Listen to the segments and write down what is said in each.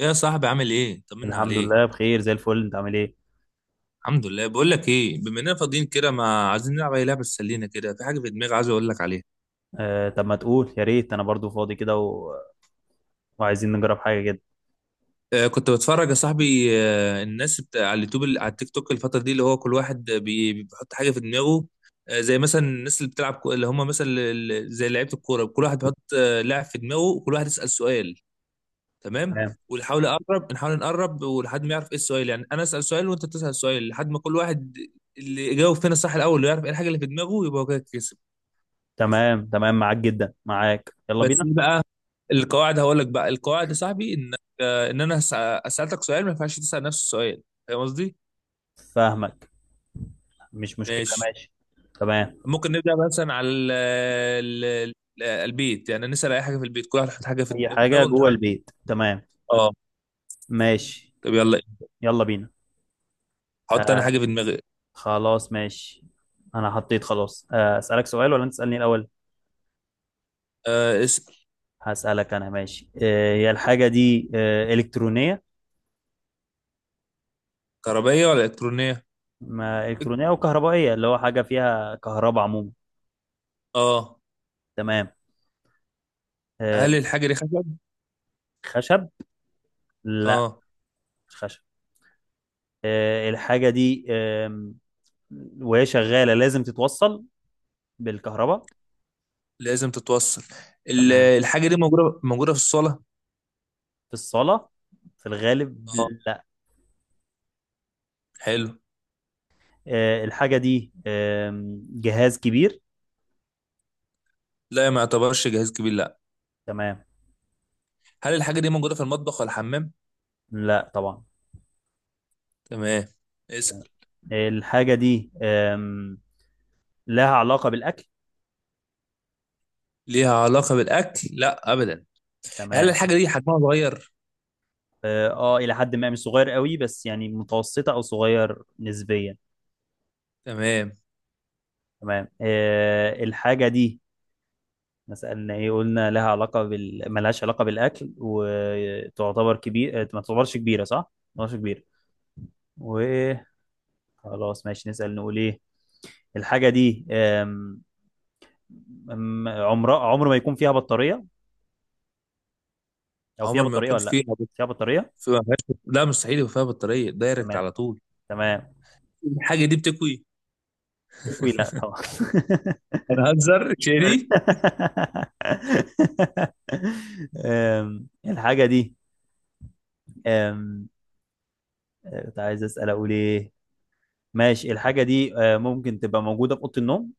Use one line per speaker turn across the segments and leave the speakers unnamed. يا صاحبي، عامل ايه؟ طمنا
الحمد
عليك.
لله بخير زي الفل. انت عامل ايه؟
الحمد لله. بقول لك ايه، بما اننا فاضيين كده، ما عايزين نلعب اي لعبه تسلينا كده؟ في حاجه في دماغي عايز اقول لك عليها.
طب ما تقول، يا ريت انا برضو فاضي كده و... وعايزين نجرب حاجه كده.
آه، كنت بتفرج يا صاحبي الناس بتاع على اليوتيوب، اللي على التيك توك الفتره دي، اللي هو كل واحد بيحط حاجه في دماغه. آه، زي مثلا الناس اللي بتلعب كو- اللي هم مثلا ال- ال- زي لعيبه الكوره، كل واحد بيحط لاعب في دماغه، وكل واحد يسال سؤال، تمام؟
تمام،
ونحاول نقرب، نحاول نقرب ولحد ما يعرف ايه السؤال. يعني انا اسال سؤال وانت تسال سؤال، لحد ما كل واحد، اللي يجاوب فينا صح الاول ويعرف ايه الحاجه اللي في دماغه، يبقى هو كده كسب.
تمام، تمام، معاك جدا، معاك، يلا
بس
بينا.
ايه بقى؟ القواعد هقول لك بقى. القواعد يا صاحبي ان، آه، ان انا هس- اسالك سؤال، ما ينفعش تسال نفس السؤال. فاهم قصدي؟
فاهمك. مش مشكله،
ماشي.
ماشي. تمام.
ممكن نبدا مثلا على البيت، يعني نسال اي حاجه في البيت، كل واحد يحط حاجه في
اي حاجه
دماغه
جوه
ونحاول نجيبها.
البيت، تمام.
اه.
ماشي.
طب يلا،
يلا بينا.
حط انا
آه.
حاجه في دماغي.
خلاص، ماشي. انا حطيت، خلاص. اسالك سؤال ولا انت تسالني الاول؟
آه، اسال.
هسالك انا، ماشي. هي الحاجه دي الكترونيه؟
كهربائيه ولا الكترونيه؟
ما الكترونيه وكهربائيه، اللي هو حاجه فيها كهرباء عموما.
اه.
تمام.
هل
آه،
الحاجه دي خشب؟
خشب؟ لا،
اه.
مش خشب. الحاجة دي وهي شغالة لازم تتوصل بالكهرباء.
لازم تتوصل.
تمام.
الحاجه دي موجوده في الصاله؟
في الصالة، في الغالب.
اه،
لا.
حلو.
الحاجة دي جهاز كبير.
لا، ما يعتبرش جهاز كبير، لا.
تمام.
هل الحاجه دي موجوده في المطبخ ولا الحمام؟
لا طبعا.
تمام. اسأل.
الحاجة دي لها علاقة بالأكل.
ليها علاقة بالأكل؟ لا أبدا. هل
تمام.
الحاجة دي حجمها صغير؟
اه. إلى حد ما مش صغير قوي، بس يعني متوسطة أو صغير نسبيا.
تمام.
تمام. الحاجة دي، ما سألنا ايه، قلنا لها علاقة بال ملهاش علاقة بالأكل، وتعتبر كبير، ما تعتبرش كبيرة صح؟ ما تعتبرش كبيرة وخلاص. ماشي نسأل، نقول ايه. الحاجة دي عمرها عمر ما يكون فيها بطارية، أو فيها
عمر ما
بطارية
يكون
ولا لأ؟
فيها بط-
فيها بطارية؟
في ما فيهاش بط- لا، مستحيل يبقى فيها بطارية، دايركت
تمام.
على طول.
تمام.
الحاجة دي بتكوي؟
تكوي؟ لأ، خلاص.
أنا هنزر شيري.
الحاجة دي، أم... كنت عايز أسأل أقول ايه. ماشي. الحاجة دي ممكن تبقى موجودة في أوضة النوم.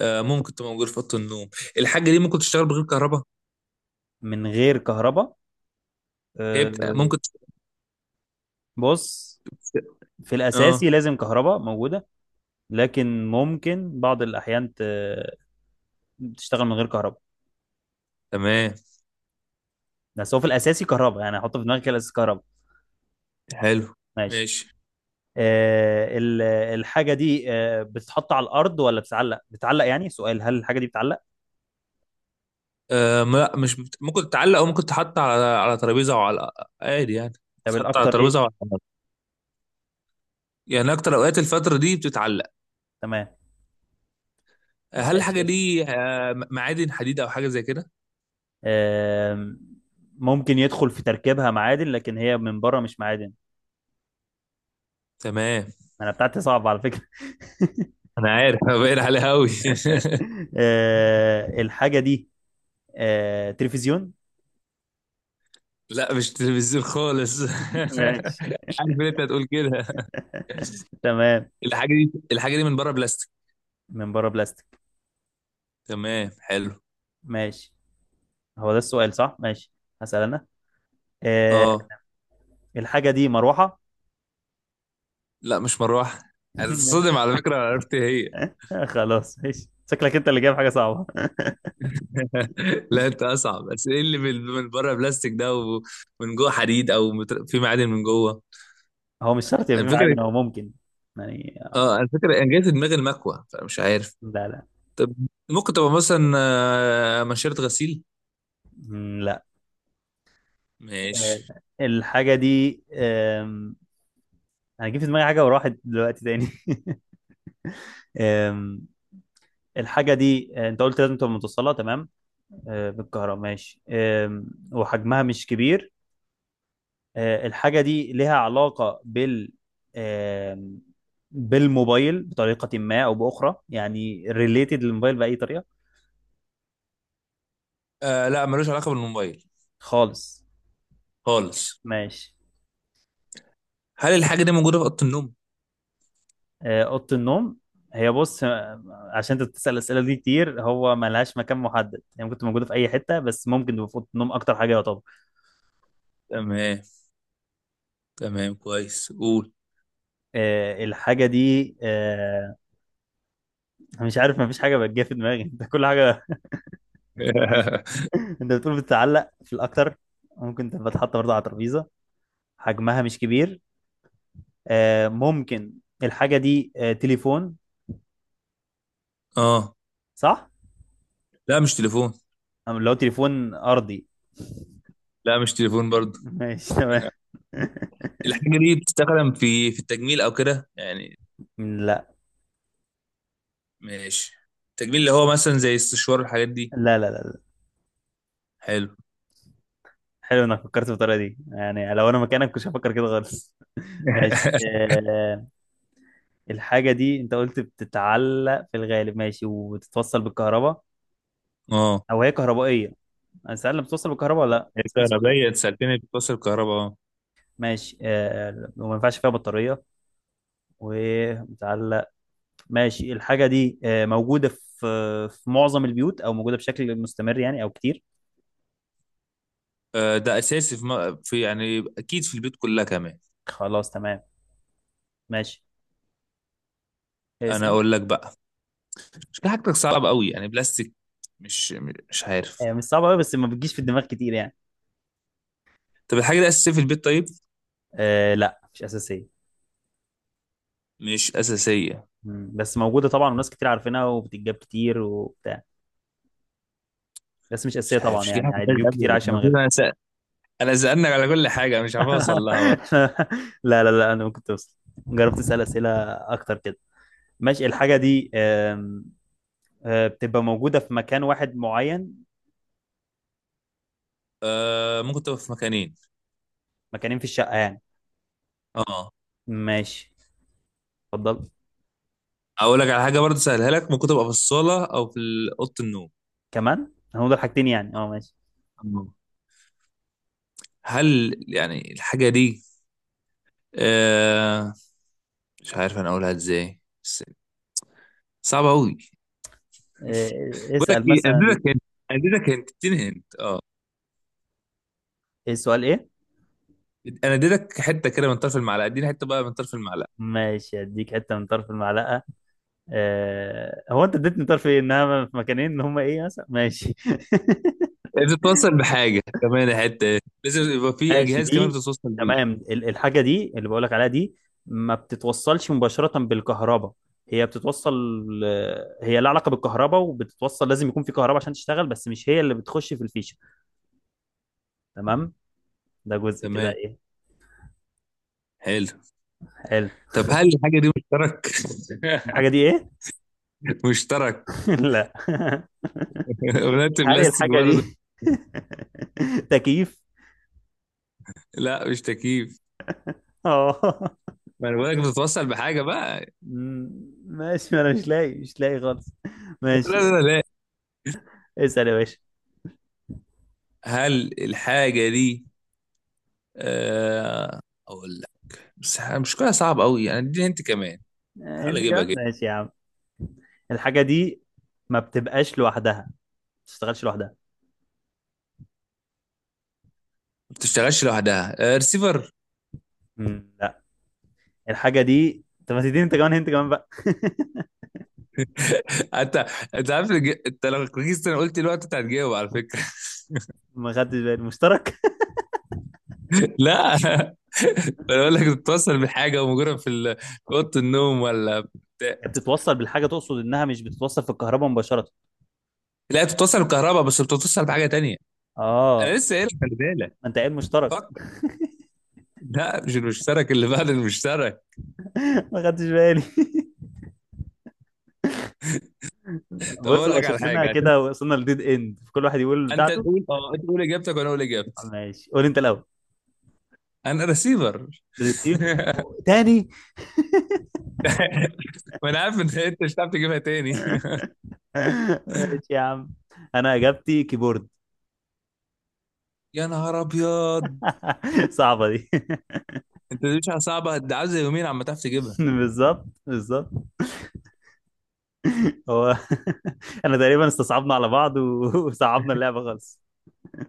آه، ممكن تبقى موجودة في أوضة النوم. الحاجة دي ممكن تشتغل بغير كهرباء؟
من غير كهرباء. آه،
ممكن تشتغل.
بص، في
اه،
الأساسي لازم كهرباء موجودة، لكن ممكن بعض الأحيان تشتغل من غير كهرباء.
تمام،
بس هو في الأساسي كهرباء، يعني هحطه في دماغي كده الأساسي كهرباء.
حلو.
ماشي.
ماشي.
آه، ال- الحاجة دي بتتحط على الأرض ولا بتتعلق؟ بتتعلق، يعني سؤال: هل الحاجة دي بتتعلق؟
لا، مش بت... ممكن تتعلق أو ممكن تحط على ترابيزة أو على، عادي يعني. ممكن
طب
تحط على
الأكتر
ترابيزة أو
إيه؟
على، يعني أكتر أوقات الفترة دي بتتعلق.
تمام.
هل
ماشي
الحاجة
اسم.
دي آه، معادن حديد أو حاجة زي كده؟
آم، ممكن يدخل في تركيبها معادن، لكن هي من بره مش معادن.
تمام.
أنا بتاعتي صعبة على فكرة.
أنا عارف، أنا باين عليها أوي.
الحاجة دي تلفزيون.
لا، مش تلفزيون خالص. عارف
ماشي.
إن أنت هتقول كده.
تمام،
الحاجة دي من بره بلاستيك؟
من بره بلاستيك.
تمام، حلو.
ماشي. هو ده السؤال صح؟ ماشي. هسأل أنا. آه،
أه،
الحاجة دي مروحة.
لا مش مروحة. هتتصدم
ماشي.
على فكرة لو عرفت هي.
خلاص، ماشي. شكلك أنت اللي جايب حاجة صعبة.
لا، أنت أصعب. بس إيه اللي من بره بلاستيك ده، ومن جوه حديد أو في معادن من جوه؟
هو مش شرط يبقى في
الفكرة،
معادن، هو ممكن. يعني.
أه الفكرة، أنا جاي في دماغي المكوة، فمش عارف.
لا، لا.
طب، ممكن تبقى مثلا آه، منشرة غسيل؟
مم، لا.
ماشي.
آه، الحاجة دي أنا جه في دماغي حاجة وراحت دلوقتي تاني. آم، الحاجة دي، أنت قلت لازم تبقى متوصلة، تمام. بالكهرباء، ماشي. وحجمها مش كبير. الحاجة دي لها علاقة بال، آم، بالموبايل بطريقة ما أو بأخرى، يعني ريليتد للموبايل بأي طريقة.
آه، لا، ملوش علاقة بالموبايل
خالص.
خالص.
ماشي.
هل الحاجة دي موجودة في أوضة النوم؟
أوضة النوم. هي بص، عشان انت بتسأل الأسئلة دي كتير، هو ملهاش مكان محدد، يعني ممكن تبقى موجودة في أي حتة، بس ممكن تبقى في أوضة النوم أكتر حاجة يعتبر.
تمام، تمام، كويس، قول.
الحاجة دي، أنا مش عارف، مفيش حاجة بتجي في دماغي. ده كل حاجة. انت بتقول بتتعلق في الاكتر، ممكن تبقى اتحط برضه على ترابيزه، حجمها مش كبير. ممكن. الحاجه دي تليفون؟
اه،
صح؟
لا مش تليفون.
أم لو تليفون ارضي؟
لا مش تليفون برضه.
ماشي، تمام.
الحاجة دي بتستخدم في التجميل أو كده يعني؟
لا،
ماشي. التجميل اللي هو مثلا زي السشوار والحاجات دي.
لا، لا، لا، لا.
حلو.
حلو انك فكرت بالطريقه دي، يعني لو انا مكانك كنتش هفكر كده خالص. ماشي. الحاجه دي انت قلت بتتعلق في الغالب، ماشي، وتتوصل بالكهرباء،
اه،
او هي كهربائيه. انا سأل بتوصل بالكهرباء ولا لا، سأل سؤال.
الكهربائية، انت سألتني بتوصل الكهرباء، اه.
ماشي. وما ينفعش فيها بطارية ومتعلق. ماشي. الحاجة دي موجودة في معظم البيوت، أو موجودة بشكل مستمر يعني، أو كتير.
آه، ده أساسي في، يعني أكيد في البيت كلها كمان.
خلاص، تمام. ماشي.
أنا
اسأل.
أقول لك بقى. شكلها حاجتك صعب قوي، يعني بلاستيك، مش، مش عارف.
مش صعبة أوي، بس ما بتجيش في الدماغ كتير يعني.
طب الحاجة دي أساسية في البيت؟ طيب،
لا، مش أساسية.
مش أساسية؟
بس موجودة طبعا، وناس كتير عارفينها وبتتجاب كتير وبتاع. بس مش أساسية
مش عارف،
طبعا،
مش جاي
يعني
على
عادي
بالي
بيوت كتير
أبدا.
عايشة من غيرها.
أنا سألنك على كل حاجة، مش عارف أوصل لها برضه.
لا، لا، لا، أنا ممكن توصل. جربت أسأل أسئلة أكتر كده. ماشي. الحاجة دي آم، آه، بتبقى موجودة في مكان واحد معين؟
آه، ممكن تبقى في مكانين.
مكانين في الشقة يعني؟
أه.
ماشي. اتفضل.
أقول لك على حاجة برضه، سهلها لك، ممكن تبقى في الصالة أو في أوضة النوم.
كمان هنقول حاجتين يعني، اه، ماشي.
آه. هل يعني الحاجة دي آه... مش عارف أنا أقولها إزاي بس صعبة أوي. بقول لك
اسأل
إيه،
مثلا.
أديلك هنت، إديني هنت. آه.
ايه السؤال، ايه؟
أنا أديلك حتة كده من طرف المعلقة، إديني حتة بقى من طرف المعلقة.
ماشي، اديك حتة من طرف المعلقة. هو انت اديتني طرف ايه، انها في مكانين، ان هما ايه مثلا، ماشي.
بتتوصل بحاجه كمان حته، لازم يبقى في
ماشي
جهاز كمان
دي.
بتتوصل بيه.
تمام. الحاجة دي اللي بقولك عليها دي ما بتتوصلش مباشرة بالكهرباء، هي بتتوصل. هي لها علاقة بالكهرباء وبتتوصل، لازم يكون في كهرباء عشان تشتغل، بس مش هي اللي بتخش في الفيشة. تمام. ده جزء كده
تمام،
ايه.
حلو.
حلو.
طب هل الحاجه دي مشترك؟
الحاجة دي ايه؟
مشترك،
لا.
ولادة
هل
بلاستيك
الحاجة
برضه.
دي تكييف؟
لا، مش تكييف،
اه.
ما انا بقولك بتتوصل بحاجه بقى.
مم. ماشي، ما انا مش لاقي، مش لاقي خالص.
لا،
ماشي.
لا، لا.
اسأل يا باشا.
هل الحاجه دي آه، اقول لك، بس مش كلها صعب قوي يعني، اديني انت كمان، حاول
انت
اجيبها
كمان،
كده.
ماشي يا عم. الحاجة دي ما بتبقاش لوحدها، ما بتشتغلش لوحدها.
ما بتشتغلش لوحدها، آه ريسيفر.
مم، لا. الحاجة دي، طب ما تديني انت كمان، انت كمان بقى.
انت، انت عارف انت لو ركزت انا قلت الوقت، انت هتجاوب على فكره.
ما خدتش بالي، مشترك؟
لا. انا بقول لك بتتصل بحاجه، ومجرد في اوضه النوم ولا بتاع.
هي بتتوصل بالحاجة، تقصد انها مش بتتوصل في الكهرباء مباشرة؟
لا، بتتصل بكهرباء، بس بتتصل بحاجه تانية. انا
اه.
لسه قايل لك، خلي بالك.
ما انت قايل مشترك.
فكر. لا، مش المشترك، اللي بعد المشترك.
ما خدتش بالي.
طب
بص
اقول
هو
لك على
شكلنا
حاجه عشان،
كده وصلنا لديد اند، كل واحد يقول
انت
بتاعته.
تقول، اه انت تقول اجابتك وانا اقول اجابتي.
ماشي، قول انت الاول.
انا رسيفر.
ريسيف؟ تاني؟
ما انا عارف ان انت مش هتعرف تجيبها تاني.
ماشي يا عم. انا اجابتي كيبورد.
يا نهار ابيض.
صعبة دي.
انت دي مش صعبه، ده عايز يومين عم تعرف تجيبها.
بالظبط، بالظبط. هو. انا تقريبا استصعبنا على بعض وصعبنا اللعبة خالص.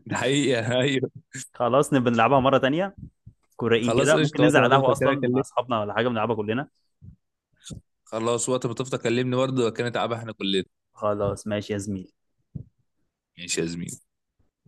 ده حقيقه، ايوه.
خلاص نبقى نلعبها مرة تانية. كوريين كده،
خلاص،
ممكن
قشطه،
ننزل
وقت
على
ما
القهوة
تفضل كده
اصلا مع
أكلمك.
اصحابنا ولا حاجة بنلعبها كلنا.
خلاص، وقت ما تفضى كلمني برضه، كانت تعبان احنا كلنا.
خلاص، ماشي يا زميلي.
ماشي يا زميلي.